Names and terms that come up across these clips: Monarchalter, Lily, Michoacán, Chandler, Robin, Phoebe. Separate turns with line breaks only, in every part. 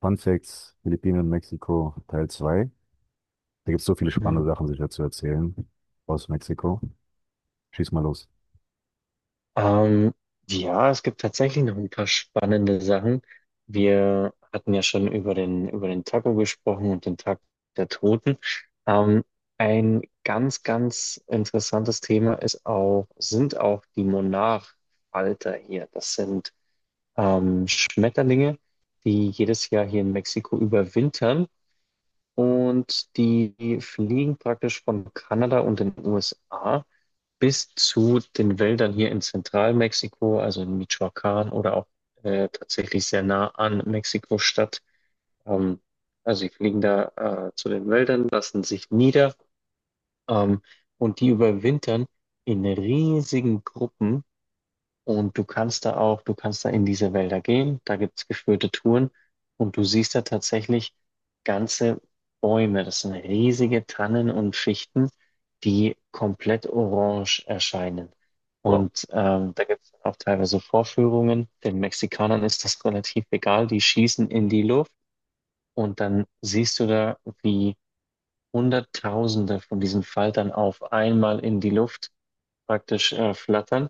Fun Facts, Philippinen und Mexiko, Teil 2. Da gibt es so viele
Hm.
spannende Sachen sicher zu erzählen aus Mexiko. Schieß mal los.
Ähm, ja, es gibt tatsächlich noch ein paar spannende Sachen. Wir hatten ja schon über den Taco gesprochen und den Tag der Toten. Ähm, ein ganz interessantes Thema ist auch die Monarchalter hier. Das sind Schmetterlinge, die jedes Jahr hier in Mexiko überwintern. Und die fliegen praktisch von Kanada und den USA bis zu den Wäldern hier in Zentralmexiko, also in Michoacán oder auch tatsächlich sehr nah an Mexiko-Stadt. Ähm, also sie fliegen da zu den Wäldern, lassen sich nieder, ähm, und die überwintern in riesigen Gruppen, und du kannst da du kannst da in diese Wälder gehen, da gibt's geführte Touren und du siehst da tatsächlich ganze Bäume. Das sind riesige Tannen und Fichten, die komplett orange erscheinen.
Wow.
Und da gibt's auch teilweise Vorführungen. Den Mexikanern ist das relativ egal, die schießen in die Luft und dann siehst du da, wie Hunderttausende von diesen Faltern auf einmal in die Luft praktisch flattern.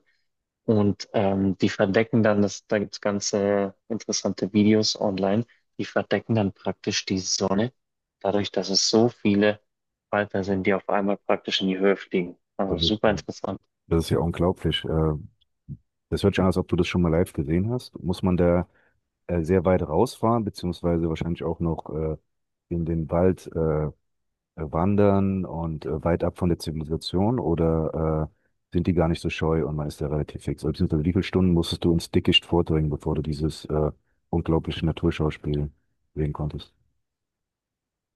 Und die verdecken dann, das, da gibt's ganze interessante Videos online, die verdecken dann praktisch die Sonne, dadurch, dass es so viele Falter sind, die auf einmal praktisch in die Höhe fliegen. Also
Das ist,
super
ja-
interessant.
das ist ja unglaublich. Das hört sich an, als ob du das schon mal live gesehen hast. Muss man da sehr weit rausfahren, beziehungsweise wahrscheinlich auch noch in den Wald wandern und weit ab von der Zivilisation oder sind die gar nicht so scheu und man ist da relativ fix? Oder beziehungsweise wie viele Stunden musstest du ins Dickicht vordringen, bevor du dieses unglaubliche Naturschauspiel sehen konntest?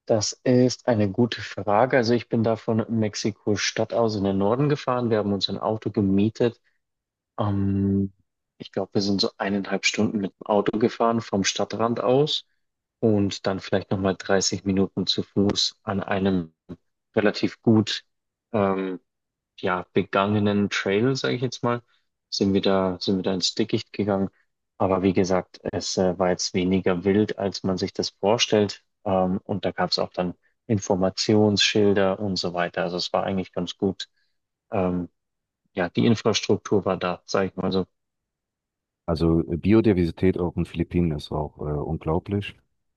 Das ist eine gute Frage. Also ich bin da von Mexiko-Stadt aus in den Norden gefahren. Wir haben uns ein Auto gemietet. Ähm, Ich glaube, wir sind so eineinhalb Stunden mit dem Auto gefahren vom Stadtrand aus und dann vielleicht nochmal 30 Minuten zu Fuß an einem relativ gut, ähm, ja, begangenen Trail, sage ich jetzt mal, sind wir da ins Dickicht gegangen. Aber wie gesagt, es war jetzt weniger wild, als man sich das vorstellt. Und da gab es auch dann Informationsschilder und so weiter. Also es war eigentlich ganz gut. Ähm, ja, die Infrastruktur war da, sage ich mal so.
Also Biodiversität auf den Philippinen ist auch unglaublich.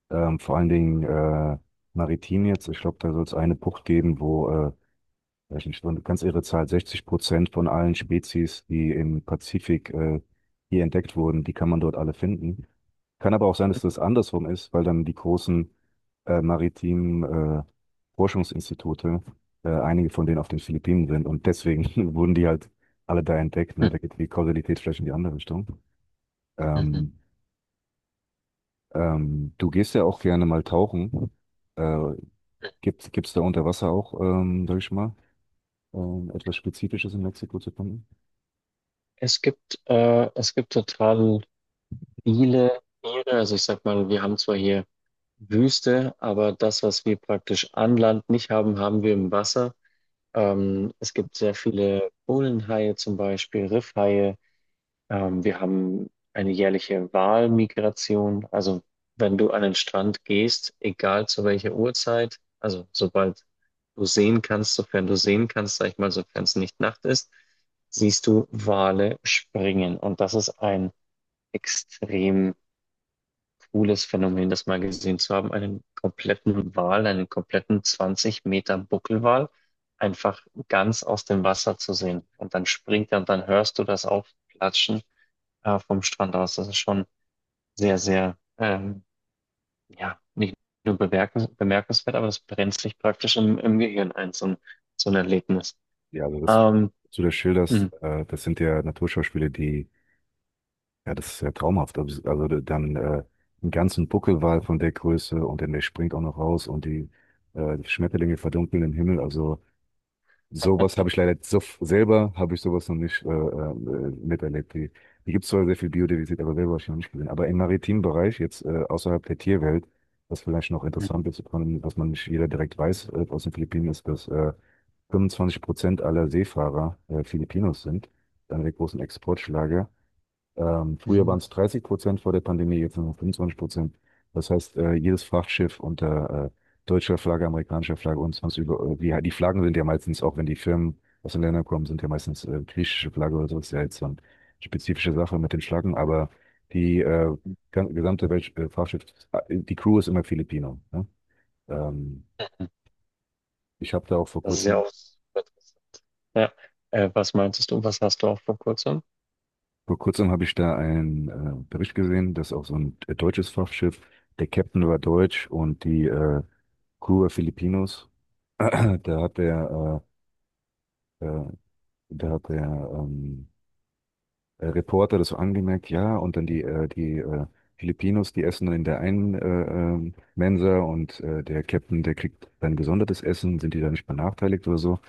Vor allen Dingen maritim jetzt. Ich glaube, da soll es eine Bucht geben, wo weiß nicht, so eine ganz irre Zahl, 60% von allen Spezies, die im Pazifik hier entdeckt wurden, die kann man dort alle finden. Kann aber auch sein, dass das andersrum ist, weil dann die großen maritimen äh, Forschungsinstitute, einige von denen auf den Philippinen sind und deswegen wurden die halt alle da entdeckt. Ne? Da geht die Kausalität vielleicht in die andere Richtung.
Mhm.
Ähm, du gehst ja auch gerne mal tauchen. Äh, gibt es da unter Wasser auch, sag ich mal, etwas Spezifisches in Mexiko zu finden?
Es gibt total viele Tiere. Also ich sag mal, wir haben zwar hier Wüste, aber das, was wir praktisch an Land nicht haben, haben wir im Wasser. Es gibt sehr viele Bullenhaie zum Beispiel, Riffhaie. Wir haben eine jährliche Walmigration. Also wenn du an den Strand gehst, egal zu welcher Uhrzeit, also sobald sofern du sehen kannst, sag ich mal, sofern es nicht Nacht ist, siehst du Wale springen. Und das ist ein extrem cooles Phänomen, das mal gesehen zu haben. Einen kompletten Wal, einen kompletten 20 Meter Buckelwal einfach ganz aus dem Wasser zu sehen. Und dann springt er und dann hörst du das Aufplatschen vom Strand aus. Das ist schon sehr, ja, nicht nur bemerkenswert, aber das brennt sich praktisch im Gehirn ein, so ein Erlebnis.
Ja, also das,
Ähm,
was du das schilderst,
mhm,
das sind ja Naturschauspiele, die, ja, das ist ja traumhaft. Also dann einen ganzen Buckelwal von der Größe, und dann der springt auch noch raus, und die, die Schmetterlinge verdunkeln im Himmel. Also sowas habe ich leider so, selber habe ich sowas noch nicht miterlebt. Hier gibt es zwar sehr viel Biodiversität, aber selber habe ich noch nicht gesehen. Aber im maritimen Bereich, jetzt außerhalb der Tierwelt, was vielleicht noch
mhm,
interessant ist, was man nicht jeder direkt weiß aus den Philippinen, ist, dass 25% aller Seefahrer Filipinos sind. Einer der großen Exportschlager. Früher
mhm.
waren es 30% vor der Pandemie, jetzt nur noch 25%. Das heißt, jedes Frachtschiff unter deutscher Flagge, amerikanischer Flagge und sonst über, die Flaggen sind ja meistens, auch wenn die Firmen aus den Ländern kommen, sind ja meistens griechische Flagge oder so, ist ja jetzt so eine spezifische Sache mit den Flaggen, aber die gesamte Welt, Frachtschiff, die Crew ist immer Filipino. Ne? Ähm, ich habe da auch vor
Das ist ja
kurzem
auch super interessant. Ja. Was meinst du, was hast du auch vor kurzem?
Vor kurzem habe ich da einen Bericht gesehen, dass auch so ein deutsches Frachtschiff, der Captain war deutsch und die Crew war Filipinos. Da hat der, äh, äh, da hat der ähm, Reporter das so angemerkt, ja, und dann die Filipinos, die essen dann in der einen Mensa und der Captain, der kriegt dann gesondertes Essen, sind die da nicht benachteiligt oder so.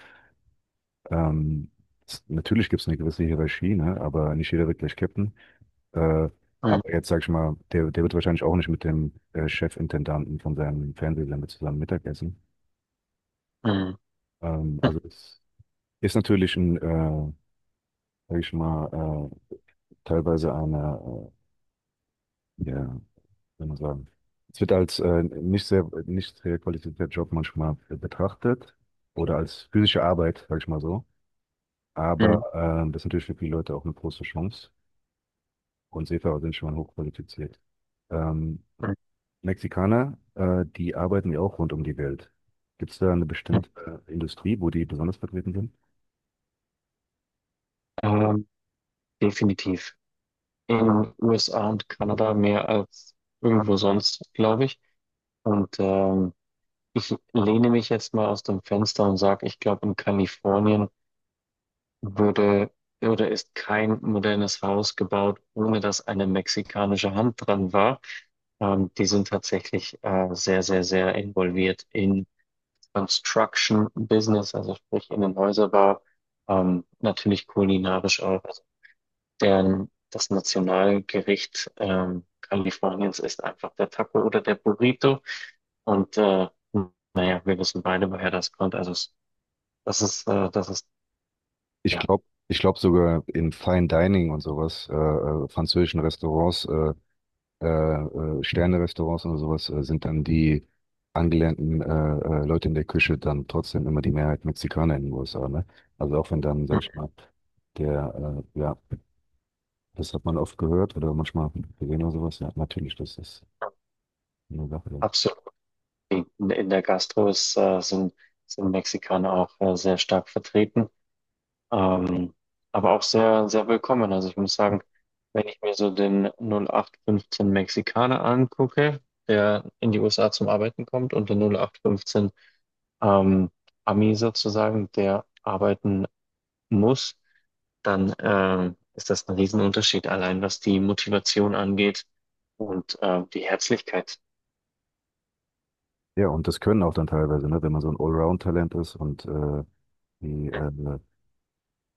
Ähm, Natürlich gibt es eine gewisse Hierarchie, ne? Aber nicht jeder wird gleich Captain. Äh,
Mhm,
aber jetzt sag ich mal, der wird wahrscheinlich auch nicht mit dem Chefintendanten von seinem Fernsehsender zusammen Mittagessen.
mhm,
Also es ist natürlich ein, sag ich mal, teilweise eine, ja, wie soll man sagen, es wird als nicht sehr qualifizierter Job manchmal betrachtet oder als physische Arbeit, sag ich mal so.
mhm,
Aber das ist natürlich für viele Leute auch eine große Chance. Und Seefahrer sind schon mal hochqualifiziert. Ähm,
mhm.
Mexikaner, die arbeiten ja auch rund um die Welt. Gibt es da eine
mhm.
bestimmte Industrie, wo die besonders vertreten sind?
Ähm, Definitiv. In den USA und Kanada mehr als irgendwo sonst, glaube ich. Und ich lehne mich jetzt mal aus dem Fenster und sage, ich glaube, in Kalifornien wurde oder ist kein modernes Haus gebaut, ohne dass eine mexikanische Hand dran war. Die sind tatsächlich sehr involviert in Construction Business, also sprich in den Häuserbau, natürlich kulinarisch auch. Also deren, das Nationalgericht Kaliforniens ist einfach der Taco oder der Burrito. Und naja, wir wissen beide, woher das kommt. Das ist
Ich
ja
glaube, ich glaube sogar in Fine Dining und sowas, französischen Restaurants, äh, Sterne-Restaurants und sowas, sind dann die angelernten Leute in der Küche dann trotzdem immer die Mehrheit Mexikaner in den USA, ne? Also auch wenn dann, sag ich mal, der, ja, das hat man oft gehört oder manchmal gesehen oder sowas, ja, natürlich, das ist eine Sache. Ja.
absolut. In, in der Gastro sind Mexikaner auch sehr stark vertreten, ähm, aber auch sehr willkommen. Also ich muss sagen, wenn ich mir so den 0815 Mexikaner angucke, der in die USA zum Arbeiten kommt, und den 0815 ähm, Ami sozusagen, der arbeiten muss, dann ist das ein Riesenunterschied, allein was die Motivation angeht und die Herzlichkeit.
Ja, und das können auch dann teilweise, ne, wenn man so ein Allround-Talent ist und die, äh,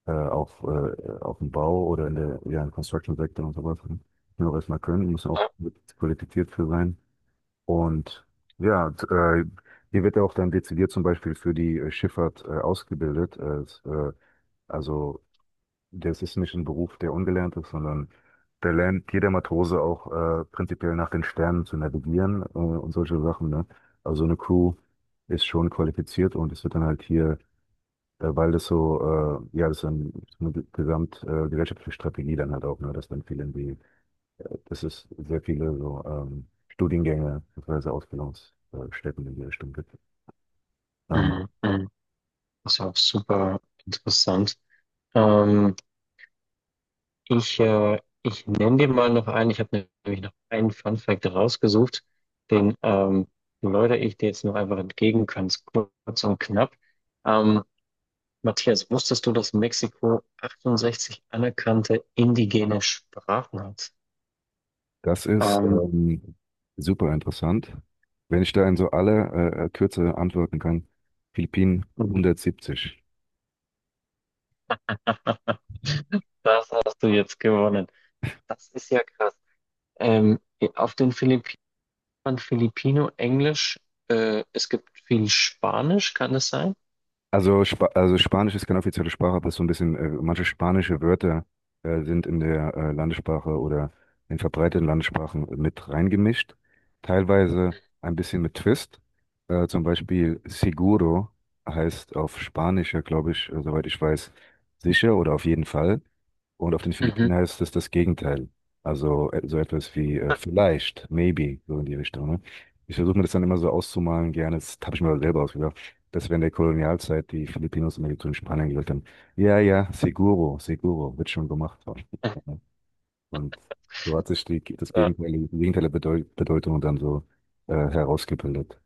äh, auf dem Bau oder in der, ja, im Construction-Sektor und sowas, ne, müssen auch erstmal können, müssen auch
Ja.
qualifiziert für sein. Und ja, hier wird ja auch dann dezidiert zum Beispiel für die Schifffahrt ausgebildet. Also das ist nicht ein Beruf, der ungelernt ist, sondern da lernt jeder Matrose auch prinzipiell nach den Sternen zu navigieren und solche Sachen. Ne? Also so eine Crew ist schon qualifiziert und es wird dann halt hier, weil das so, ja, das ist dann eine gesamt gesellschaftliche Strategie dann halt auch, ne? Dass dann viele irgendwie, dass es sehr viele so Studiengänge bzw. Ausbildungsstätten in die Richtung gibt. Ähm,
Mhm. Mhm. Das ist auch super interessant. Ähm, ich nenne dir mal noch einen. Ich habe nämlich noch einen Fun Fact rausgesucht. Den läutere ich dir jetzt noch einfach entgegen, ganz kurz und knapp. Ähm, Matthias, wusstest du, dass Mexiko 68 anerkannte indigene Sprachen hat?
Das ist
Ähm,
super interessant. Wenn ich da in so aller Kürze antworten kann, Philippinen 170.
Das hast du jetzt gewonnen. Das ist ja krass. Ähm, auf den Philippinen man Filipino, Englisch, es gibt viel Spanisch, kann es sein?
Also Spanisch ist keine offizielle Sprache, aber so ein bisschen, manche spanische Wörter sind in der Landessprache oder in verbreiteten Landessprachen mit reingemischt. Teilweise ein bisschen mit Twist. Zum Beispiel Seguro heißt auf Spanisch, ja, glaube ich, soweit ich weiß, sicher oder auf jeden Fall. Und auf den Philippinen
Mhm.
heißt es das Gegenteil. Also so etwas wie vielleicht, maybe, so in die Richtung. Ne? Ich versuche mir das dann immer so auszumalen, gerne. Das habe ich mir selber ausgedacht. Das wäre der Kolonialzeit, die Filipinos und die in Ägypten und Spanien gelebt haben. Ja, ja, seguro, seguro, wird schon gemacht haben. Und so hat sich das Gegenteil, die Gegenteil der Bedeutung dann so herausgebildet.